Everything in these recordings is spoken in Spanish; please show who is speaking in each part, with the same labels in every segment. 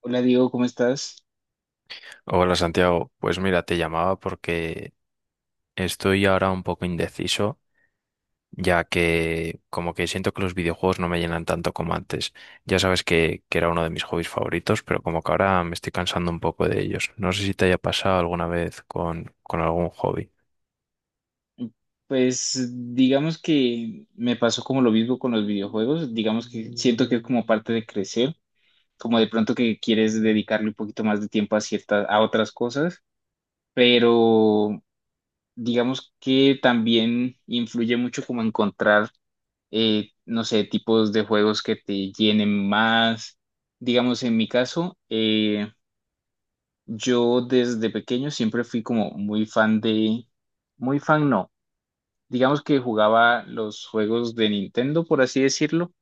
Speaker 1: Hola, Diego, ¿cómo estás?
Speaker 2: Hola Santiago, pues mira, te llamaba porque estoy ahora un poco indeciso, ya que como que siento que los videojuegos no me llenan tanto como antes. Ya sabes que era uno de mis hobbies favoritos, pero como que ahora me estoy cansando un poco de ellos. No sé si te haya pasado alguna vez con algún hobby.
Speaker 1: Pues digamos que me pasó como lo mismo con los videojuegos. Digamos que siento que es como parte de crecer, como de pronto que quieres dedicarle un poquito más de tiempo a ciertas, a otras cosas, pero digamos que también influye mucho como encontrar, no sé, tipos de juegos que te llenen más. Digamos, en mi caso, yo desde pequeño siempre fui como muy fan de, muy fan no. Digamos que jugaba los juegos de Nintendo, por así decirlo.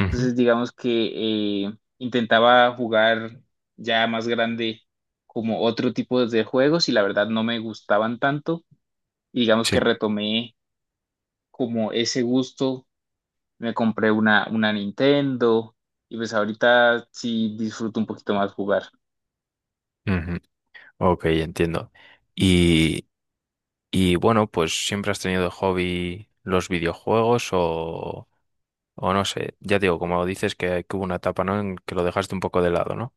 Speaker 2: Ujú.
Speaker 1: Entonces, digamos que intentaba jugar ya más grande como otro tipo de juegos, y la verdad no me gustaban tanto. Y digamos que
Speaker 2: Sí.
Speaker 1: retomé como ese gusto, me compré una Nintendo y pues ahorita sí disfruto un poquito más jugar.
Speaker 2: Ujú. Ok, entiendo. Y, y bueno, pues siempre has tenido de hobby los videojuegos o no sé, ya digo, como dices que hubo una etapa, ¿no? En que lo dejaste un poco de lado, ¿no?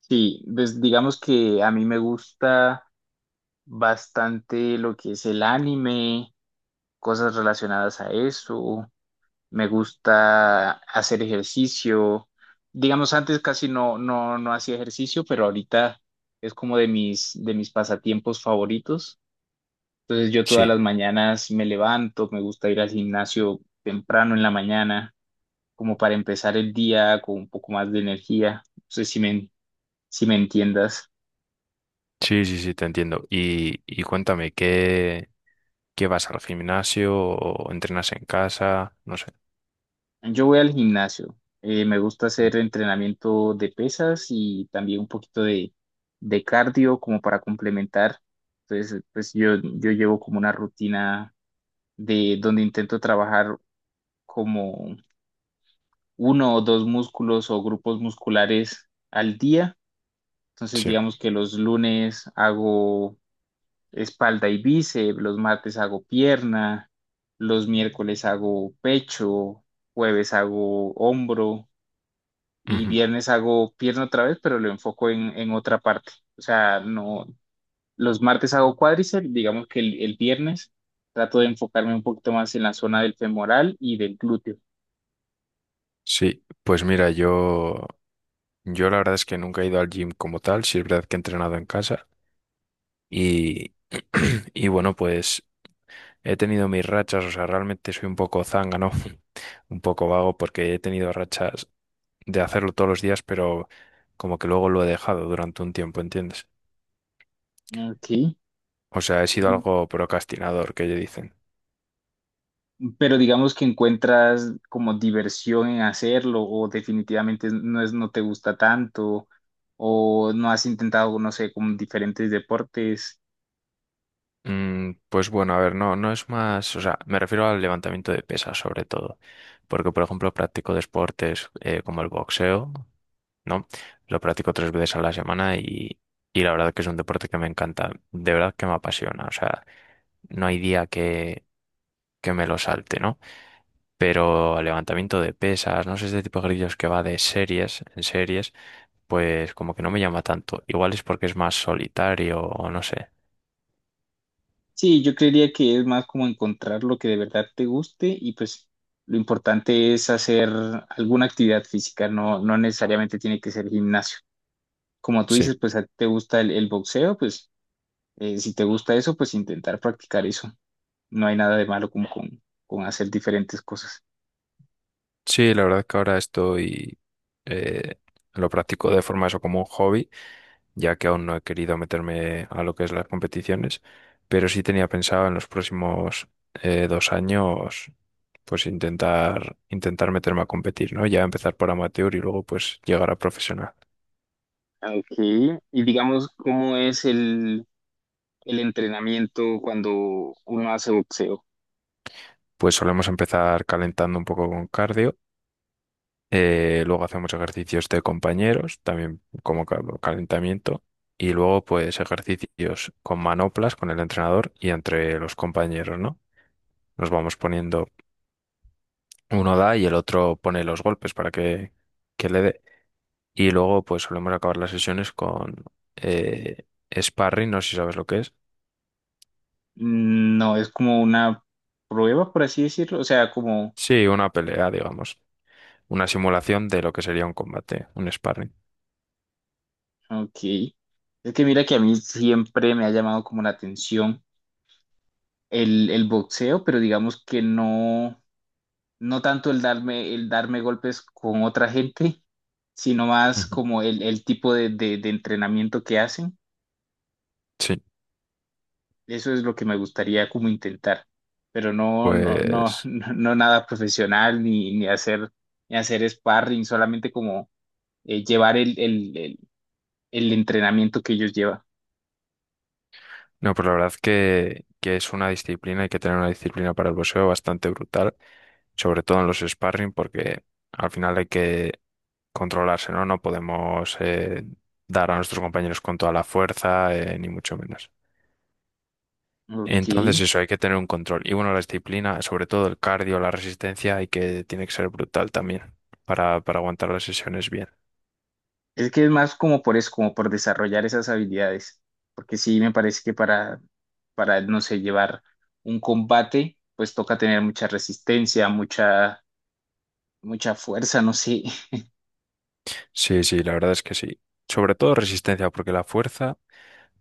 Speaker 1: Sí, pues digamos que a mí me gusta bastante lo que es el anime, cosas relacionadas a eso. Me gusta hacer ejercicio. Digamos, antes casi no, no, no hacía ejercicio, pero ahorita es como de mis pasatiempos favoritos. Entonces yo todas
Speaker 2: Sí,
Speaker 1: las mañanas me levanto, me gusta ir al gimnasio temprano en la mañana, como para empezar el día con un poco más de energía. No sé si me, si me entiendas.
Speaker 2: sí, sí, sí, te entiendo. Y cuéntame, ¿qué vas al gimnasio o entrenas en casa? No sé.
Speaker 1: Yo voy al gimnasio. Me gusta
Speaker 2: Ujú.
Speaker 1: hacer entrenamiento de pesas y también un poquito de cardio como para complementar. Entonces, pues yo llevo como una rutina de donde intento trabajar como uno o dos músculos o grupos musculares al día. Entonces,
Speaker 2: Sí.
Speaker 1: digamos que los lunes hago espalda y bíceps, los martes hago pierna, los miércoles hago pecho, jueves hago hombro. Y
Speaker 2: Ujú.
Speaker 1: viernes hago pierna otra vez, pero lo enfoco en otra parte. O sea, no, los martes hago cuádriceps, digamos que el viernes trato de enfocarme un poquito más en la zona del femoral y del glúteo.
Speaker 2: Sí, pues mira, yo la verdad es que nunca he ido al gym como tal, sí es verdad que he entrenado en casa y, y bueno, pues he tenido mis rachas, o sea, realmente soy un poco zángano, un poco vago porque he tenido rachas de hacerlo todos los días, pero como que luego lo he dejado durante un tiempo, ¿entiendes?
Speaker 1: Ok.
Speaker 2: O sea, he sido algo procrastinador, que ellos dicen.
Speaker 1: Pero digamos que encuentras como diversión en hacerlo o definitivamente no es, no te gusta tanto, o no has intentado, no sé, con diferentes deportes.
Speaker 2: Pues bueno, a ver, no, no es más, o sea, me refiero al levantamiento de pesas sobre todo, porque por ejemplo practico deportes como el boxeo, ¿no? Lo practico tres veces a la semana y la verdad que es un deporte que me encanta, de verdad que me apasiona, o sea, no hay día que me lo salte, ¿no? Pero al levantamiento de pesas, no sé, este tipo de ejercicios que va de series en series, pues como que no me llama tanto, igual es porque es más solitario o no sé.
Speaker 1: Sí, yo creería que es más como encontrar lo que de verdad te guste, y pues lo importante es hacer alguna actividad física, no, no necesariamente tiene que ser gimnasio. Como tú
Speaker 2: Sí,
Speaker 1: dices, pues a ti te gusta el boxeo, pues si te gusta eso, pues intentar practicar eso. No hay nada de malo como con hacer diferentes cosas.
Speaker 2: sí, la verdad que ahora eh, lo practico de forma eso como un hobby, ya que aún no he querido meterme a lo que es las competiciones, pero sí tenía pensado en los próximos 2 años, pues intentar meterme a competir, ¿no? Ya empezar por amateur y luego pues llegar a profesional.
Speaker 1: Ok, y digamos, ¿cómo es el entrenamiento cuando uno hace boxeo?
Speaker 2: Pues solemos empezar calentando un poco con cardio, luego hacemos ejercicios de compañeros, también como calentamiento. Y luego, pues, ejercicios con manoplas, con el entrenador y entre los compañeros, ¿no? Nos vamos poniendo, uno da y el otro pone los golpes para que le dé. Y luego pues solemos acabar las sesiones con eh, sparring, no sé si sabes lo que es.
Speaker 1: Mm. No, es como una prueba, por así decirlo, o sea, como...
Speaker 2: Sí, una pelea, digamos. Una simulación de lo que sería un combate, un sparring.
Speaker 1: Ok. Es que mira que a mí siempre me ha llamado como la atención el boxeo, pero digamos que no, no tanto el darme golpes con otra gente, sino más
Speaker 2: Ujú.
Speaker 1: como el tipo de entrenamiento que hacen.
Speaker 2: Sí,
Speaker 1: Eso es lo que me gustaría como intentar, pero no, no, no,
Speaker 2: pues...
Speaker 1: no, no nada profesional ni, ni hacer, ni hacer sparring, solamente como llevar el entrenamiento que ellos llevan.
Speaker 2: No, pues la verdad que es una disciplina, hay que tener una disciplina para el boxeo bastante brutal, sobre todo en los sparring, porque al final hay que controlarse, ¿no? No podemos dar a nuestros compañeros con toda la fuerza, ni mucho menos.
Speaker 1: Ok.
Speaker 2: Entonces eso, hay que tener un control. Y bueno, la disciplina, sobre todo el cardio, la resistencia, hay que, tiene que ser brutal también para aguantar las sesiones bien.
Speaker 1: Es que es más como por eso, como por desarrollar esas habilidades. Porque sí, me parece que para, no sé, llevar un combate, pues toca tener mucha resistencia, mucha, mucha fuerza, no sé.
Speaker 2: Sí, sí, la verdad es que sí. Sobre todo resistencia, porque la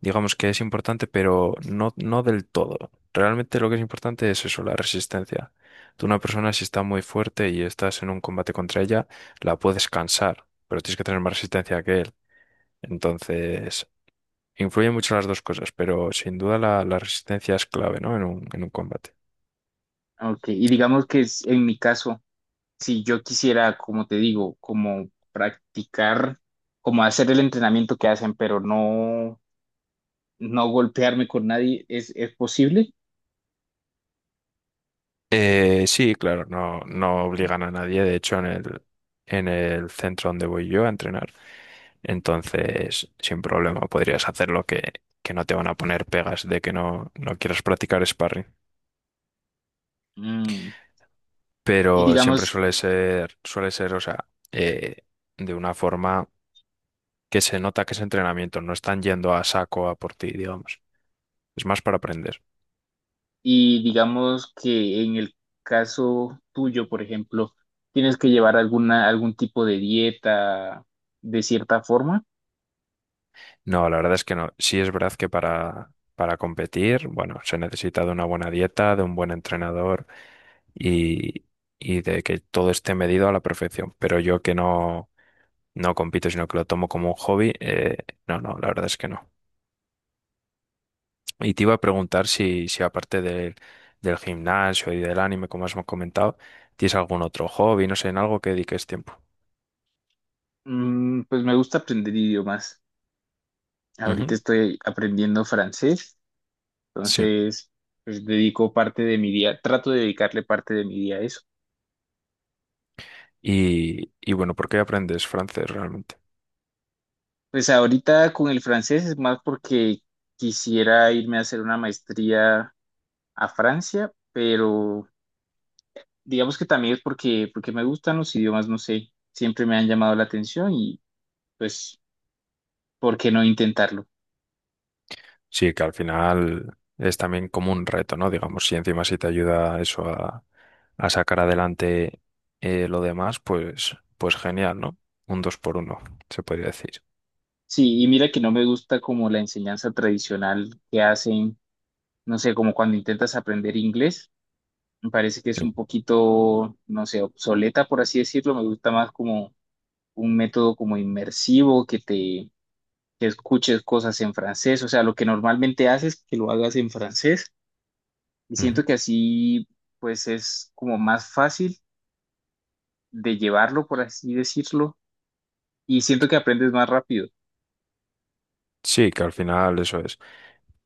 Speaker 2: digamos que es importante, pero no, no del todo. Realmente lo que es importante es eso, la resistencia. Tú una persona si está muy fuerte y estás en un combate contra ella, la puedes cansar, pero tienes que tener más resistencia que él. Entonces, influyen mucho las dos cosas, pero sin duda la resistencia es clave, ¿no? En un combate.
Speaker 1: Ok, y digamos que es- en mi caso, si yo quisiera, como te digo, como practicar, como hacer el entrenamiento que hacen, pero no, no golpearme con nadie, es posible?
Speaker 2: Sí, claro, no, no obligan a nadie, de hecho, en el centro donde voy yo a entrenar. Entonces, sin problema, podrías hacerlo que no te van a poner pegas de que no quieras practicar sparring.
Speaker 1: Mm. Y
Speaker 2: Pero siempre
Speaker 1: digamos,
Speaker 2: suele ser, o sea, eh, de una forma que se nota que es entrenamiento, no están yendo a saco a por ti, digamos. Es más para aprender.
Speaker 1: y digamos que en el caso tuyo, por ejemplo, tienes que llevar alguna, algún tipo de dieta de cierta forma.
Speaker 2: No, la verdad es que no. Sí es verdad que para competir, bueno, se necesita de una buena dieta, de un buen entrenador y, y de que todo esté medido a la perfección. Pero yo que no compito, sino que lo tomo como un hobby, no, no, la verdad es que no. Y te iba a preguntar si aparte del gimnasio y del anime, como has comentado, ¿tienes algún otro hobby, no sé, en algo que dediques tiempo?
Speaker 1: Mm, pues me gusta aprender idiomas. Ahorita
Speaker 2: Ujú.
Speaker 1: estoy aprendiendo francés,
Speaker 2: Sí.
Speaker 1: entonces pues dedico parte de mi día, trato de dedicarle parte de mi día a eso.
Speaker 2: Y bueno, ¿por qué aprendes francés realmente?
Speaker 1: Pues ahorita con el francés es más porque quisiera irme a hacer una maestría a Francia, pero digamos que también es porque, porque me gustan los idiomas, no sé, siempre me han llamado la atención, y pues, ¿por qué no intentarlo?
Speaker 2: Sí, que al final es también como un reto, ¿no? Digamos, si encima si te ayuda eso a sacar adelante lo demás, pues genial, ¿no? Un dos por uno, se podría decir.
Speaker 1: Sí, y mira que no me gusta como la enseñanza tradicional que hacen, no sé, como cuando intentas aprender inglés, me parece que es
Speaker 2: Sí.
Speaker 1: un poquito, no sé, obsoleta, por así decirlo, me gusta más como un método como inmersivo, que te que escuches cosas en francés, o sea, lo que normalmente haces, que lo hagas en francés, y siento
Speaker 2: Ujú.
Speaker 1: que así pues es como más fácil de llevarlo, por así decirlo, y siento que aprendes más rápido.
Speaker 2: Sí, que al final eso es.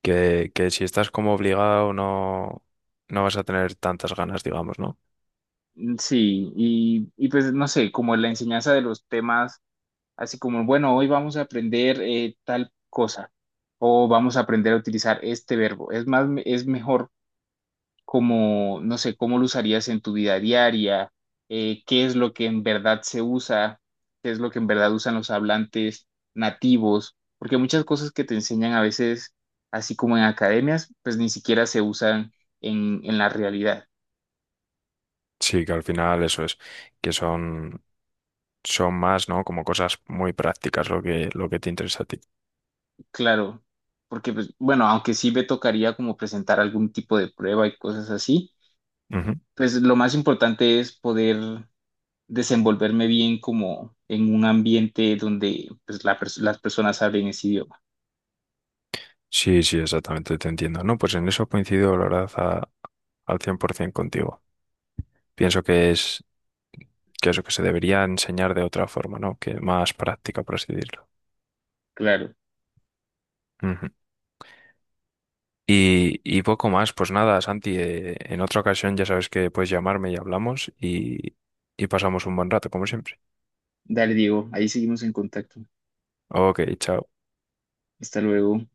Speaker 2: Que si estás como obligado no vas a tener tantas ganas, digamos, ¿no?
Speaker 1: Mm. Sí, y pues no sé, como la enseñanza de los temas, así como, bueno, hoy vamos a aprender tal cosa, o vamos a aprender a utilizar este verbo. Es más, es mejor como, no sé, cómo lo usarías en tu vida diaria, qué es lo que en verdad se usa, qué es lo que en verdad usan los hablantes nativos, porque muchas cosas que te enseñan a veces, así como en academias, pues ni siquiera se usan en la realidad,
Speaker 2: Sí, que al final eso es. Que son más, ¿no? Como cosas muy prácticas lo que te interesa a ti.
Speaker 1: claro, porque, pues, bueno, aunque sí me tocaría como presentar algún tipo de prueba y cosas así,
Speaker 2: Ujú.
Speaker 1: pues lo más importante es poder desenvolverme bien como en un ambiente donde pues, la pers- las personas hablen ese idioma.
Speaker 2: Sí, sí, exactamente, te entiendo. No, pues en eso coincido, la verdad, al 100% contigo. Pienso que es que eso que se debería enseñar de otra forma, ¿no? Que más práctica, por así decirlo.
Speaker 1: Claro.
Speaker 2: Ujú. Y poco más, pues nada, Santi, en otra ocasión ya sabes que puedes llamarme y hablamos y pasamos un buen rato, como siempre.
Speaker 1: Dale, Diego. Ahí seguimos en contacto.
Speaker 2: Ok, chao.
Speaker 1: Hasta luego.